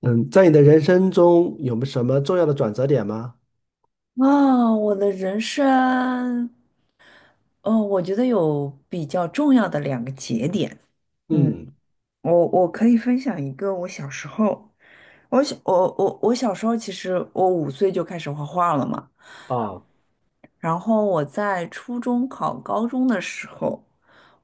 嗯，在你的人生中有没有什么重要的转折点吗？啊，我的人生，嗯，我觉得有比较重要的两个节点。嗯，嗯我可以分享一个我小时候，我小时候其实我5岁就开始画画了嘛。啊，然后我在初中考高中的时候，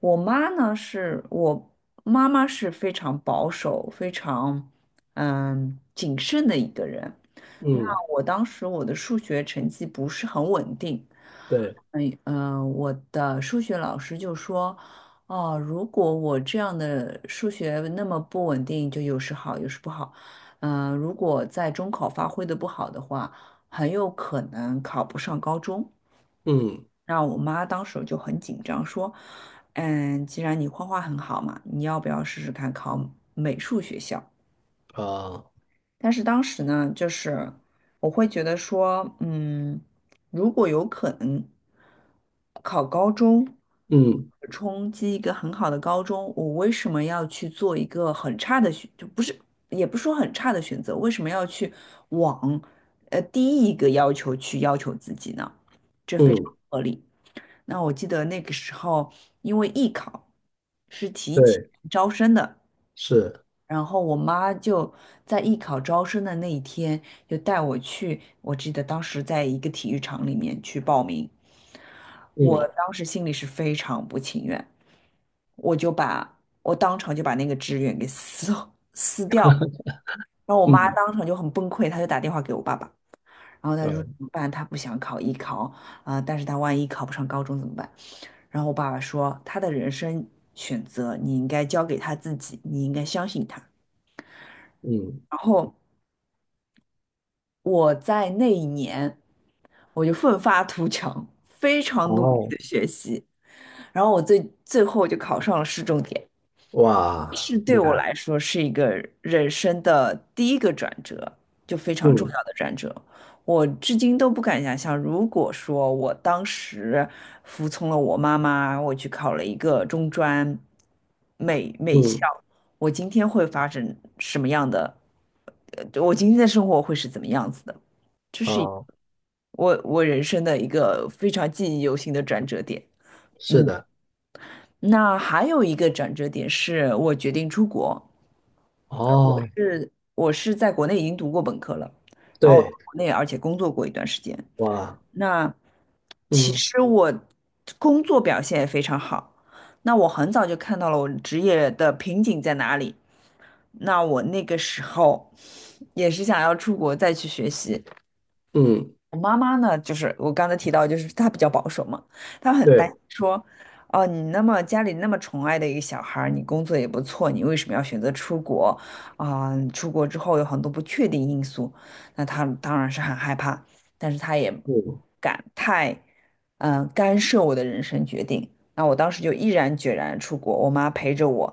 我妈呢是我妈妈是非常保守、非常谨慎的一个人。那嗯，我当时我的数学成绩不是很稳定。对，我的数学老师就说，哦，如果我这样的数学那么不稳定，就有时好，有时不好。如果在中考发挥的不好的话，很有可能考不上高中。嗯那我妈当时就很紧张，说，既然你画画很好嘛，你要不要试试看考美术学校？啊，但是当时呢，就是我会觉得说，如果有可能考高中，嗯冲击一个很好的高中，我为什么要去做一个很差的选，就不是，也不是说很差的选择，为什么要去往第一个要求去要求自己呢？这非常嗯，不合理。那我记得那个时候，因为艺考是提前对，招生的。是，然后我妈就在艺考招生的那一天，就带我去。我记得当时在一个体育场里面去报名，我嗯当时心里是非常不情愿，我当场就把那个志愿给撕 撕掉了。然后我妈嗯当场就很崩溃，她就打电话给我爸爸，然后她说怎啊么办？她不想考艺考啊、但是她万一考不上高中怎么办？然后我爸爸说，她的人生选择你应该交给她自己，你应该相信她。嗯，然后我在那一年我就奋发图强，非常努力哦，的学习，然后我最后就考上了市重点，哇，是对厉我害，来说是一个人生的第一个转折，就非常重嗯要的转折。我至今都不敢想象，如果说我当时服从了我妈妈，我去考了一个中专美校，嗯我今天会发生什么样的？我今天的生活会是怎么样子的？这是一啊，我人生的一个非常记忆犹新的转折点。是嗯，的，那还有一个转折点是我决定出国。呃我哦，是我是在国内已经读过本科了，然后我在对，国内而且工作过一段时间。哇，那其嗯实我工作表现也非常好。那我很早就看到了我职业的瓶颈在哪里。那我那个时候也是想要出国再去学习，嗯，我妈妈呢，就是我刚才提到，就是她比较保守嘛，她很担心对，说，哦，你那么家里那么宠爱的一个小孩儿你工作也不错，你为什么要选择出国？啊、出国之后有很多不确定因素，那她当然是很害怕，但是她也不嗯，敢太，干涉我的人生决定。那我当时就毅然决然出国，我妈陪着我，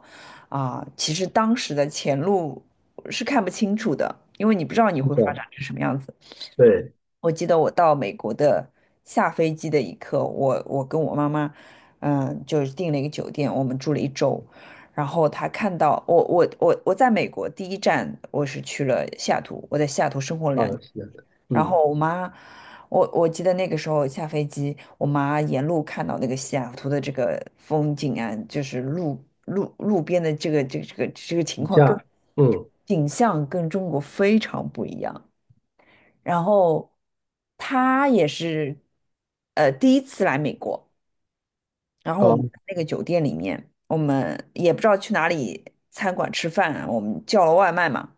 啊、其实当时的前路是看不清楚的，因为你不知道你是会发的，展成什么样子。对，我记得我到美国的下飞机的一刻，我跟我妈妈，就是订了一个酒店，我们住了1周。然后她看到我我我我在美国第一站我是去了西雅图，我在西雅图生活了啊，2年。是的，然嗯，后我记得那个时候下飞机，我妈沿路看到那个西雅图的这个风景啊，就是路边的这个情这况样，跟嗯景象跟中国非常不一样。然后他也是第一次来美国，然后我啊，们在那个酒店里面，我们也不知道去哪里餐馆吃饭啊我们叫了外卖嘛，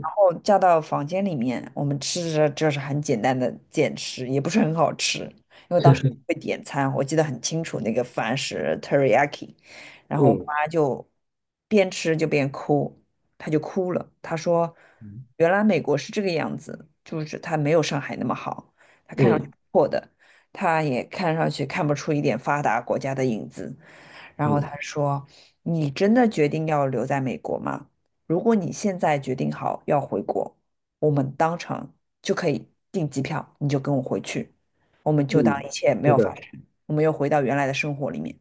然后叫到房间里面，我们吃着就是很简单的简吃，也不是很好吃，因为当时 会点餐，我记得很清楚，那个饭是 teriyaki，然后我嗯妈就边吃就边哭，她就哭了，她说原来美国是这个样子，就是它没有上海那么好嗯的，他也看上去看不出一点发达国家的影子。然后嗯他说：“你真的决定要留在美国吗？如果你现在决定好要回国，我们当场就可以订机票，你就跟我回去，我们就当一嗯，切没是有发的，生，我们又回到原来的生活里面。”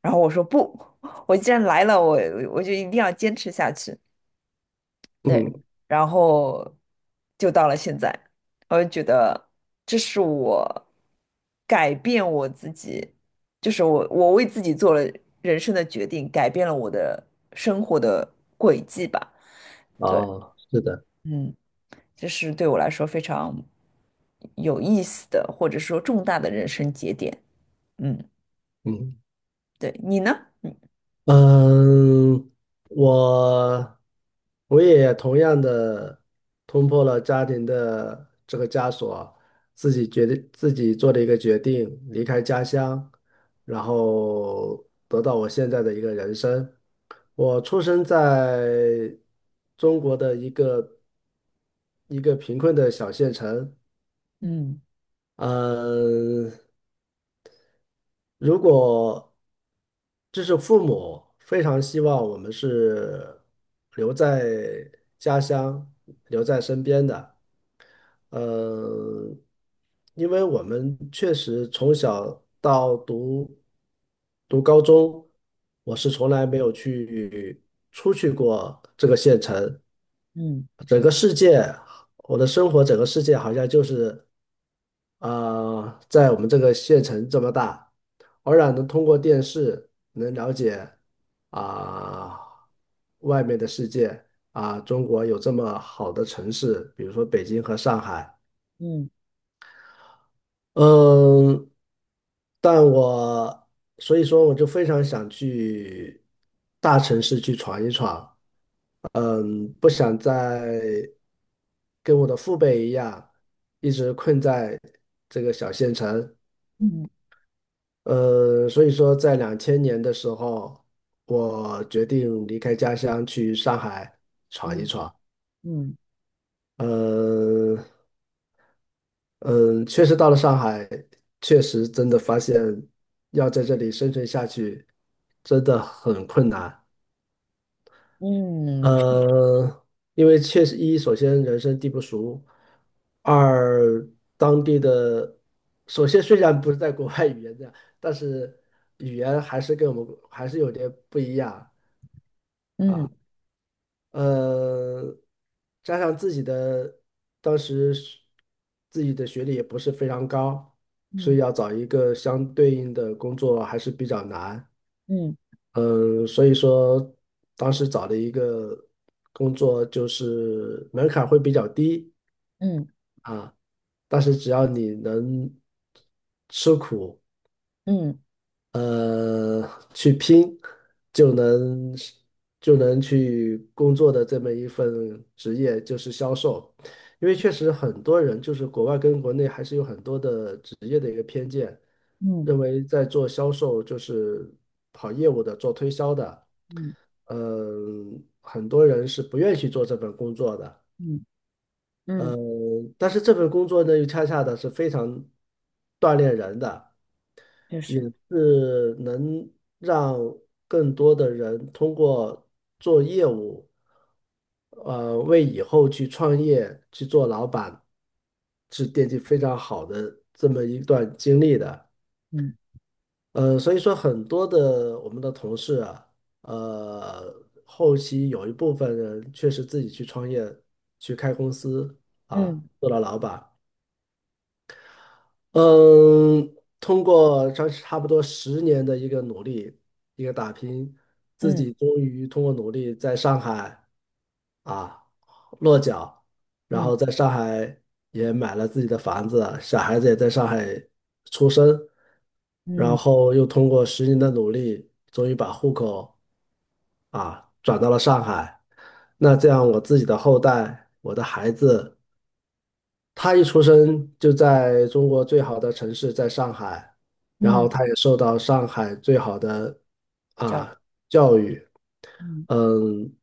然后我说：“不，我既然来了，我就一定要坚持下去。”对，嗯。然后就到了现在，我就觉得这是我改变我自己，就是我为自己做了人生的决定，改变了我的生活的轨迹吧。对，哦，是的，嗯，这是对我来说非常有意思的，或者说重大的人生节点。嗯，嗯对，你呢？嗯，我我也同样的冲破了家庭的这个枷锁，自己决定自己做了一个决定，离开家乡，然后得到我现在的一个人生。我出生在中国的一个贫困的小县城，嗯嗯。如果这是父母非常希望我们是留在家乡、留在身边的，呃，因为我们确实从小到读高中，我是从来没有去出去过这个县城，嗯整个世界，我的生活整个世界好像就是啊、在我们这个县城这么大，偶然能通过电视能了解啊、外面的世界啊、中国有这么好的城市，比如说北京和上海，嗯嗯，但我所以说我就非常想去大城市去闯一闯。嗯，不想再跟我的父辈一样，一直困在这个小县城。嗯所以说在2000年的时候，我决定离开家乡去上海闯一嗯闯。嗯嗯，嗯，确实到了上海，确实真的发现要在这里生存下去，真的很困难。嗯呃，因为确实一，首先人生地不熟；二，当地的，首先虽然不是在国外语言的，但是语言还是跟我们还是有点不一样。嗯呃，加上自己的当时是自己的学历也不是非常高，嗯，所以嗯要找一个相对应的工作还是比较难。嗯嗯，所以说当时找的一个工作就是门槛会比较低嗯嗯嗯啊，但是只要你能吃苦，嗯。呃，去拼，就能就能去工作的这么一份职业就是销售，因为确实很多人就是国外跟国内还是有很多的职业的一个偏见，嗯认为在做销售就是跑业务的、做推销的，嗯嗯，很多人是不愿意去做这份工作的，嗯嗯，嗯，但是这份工作呢，又恰恰的是非常锻炼人的，就也是是能让更多的人通过做业务，为以后去创业、去做老板，是奠定非常好的这么一段经历的。嗯所以说很多的我们的同事啊，呃，后期有一部分人确实自己去创业，去开公司啊，嗯做了老板，嗯，通过差不多十年的一个努力，一个打拼，自嗯己终于通过努力在上海啊落脚，然嗯后在上海也买了自己的房子，小孩子也在上海出生，然嗯后又通过十年的努力，终于把户口啊转到了上海。那这样我自己的后代，我的孩子。他一出生就在中国最好的城市，在上海，然后嗯，他也受到上海最好的小，啊教育，嗯嗯，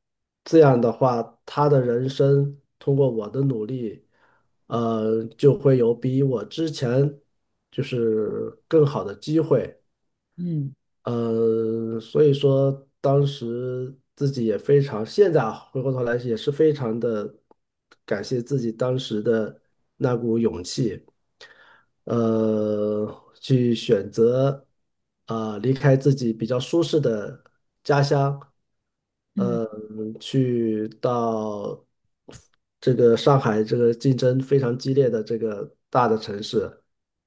这样的话，他的人生通过我的努力，就会有比我之前就是更好的机会。嗯所以说当时自己也非常，现在啊回过头来也是非常的感谢自己当时的那股勇气，呃，去选择啊、离开自己比较舒适的家乡，嗯呃，去到这个上海这个竞争非常激烈的这个。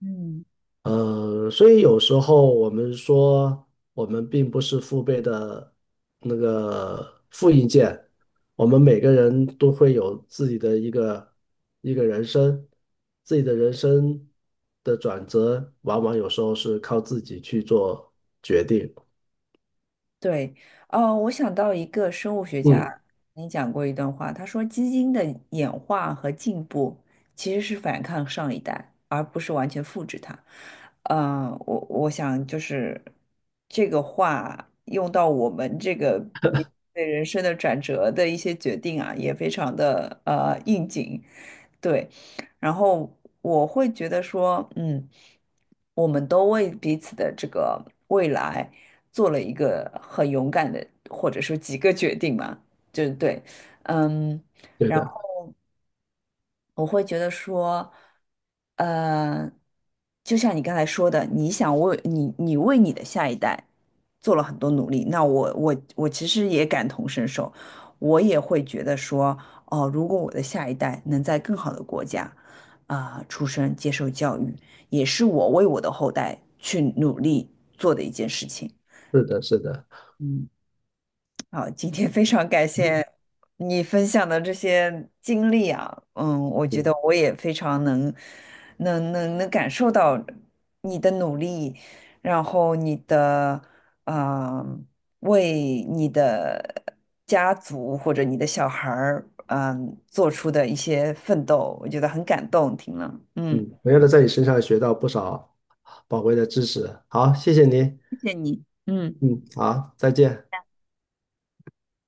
嗯，所以有时候我们说，我们并不是父辈的那个复印件，我们每个人都会有自己的一个人生，自己的人生的转折，往往有时候是靠自己去做决定。对。哦，我想到一个生物学家，嗯，你讲过一段话，他说基因的演化和进步其实是反抗上一代，而不是完全复制它。我想就是这个话用到我们这个对人生的转折的一些决定啊，也非常的应景。对，然后我会觉得说，我们都为彼此的这个未来做了一个很勇敢的，或者说几个决定嘛，就是对，嗯。对然的，我会觉得说，呃，就像你刚才说的，你想为你的下一代做了很多努力，那我其实也感同身受，我也会觉得说，哦，如果我的下一代能在更好的国家啊，出生接受教育，也是我为我的后代去努力做的一件事情。是的，是的，嗯。好，今天非常感嗯谢你分享的这些经历啊，我觉得嗯，我也非常能，能感受到你的努力，然后你的，啊为你的家族或者你的小孩儿，做出的一些奋斗，我觉得很感动，听了，嗯，同样的，在你身上学到不少宝贵的知识。好，谢谢您。谢谢你，嗯。嗯，好，再见。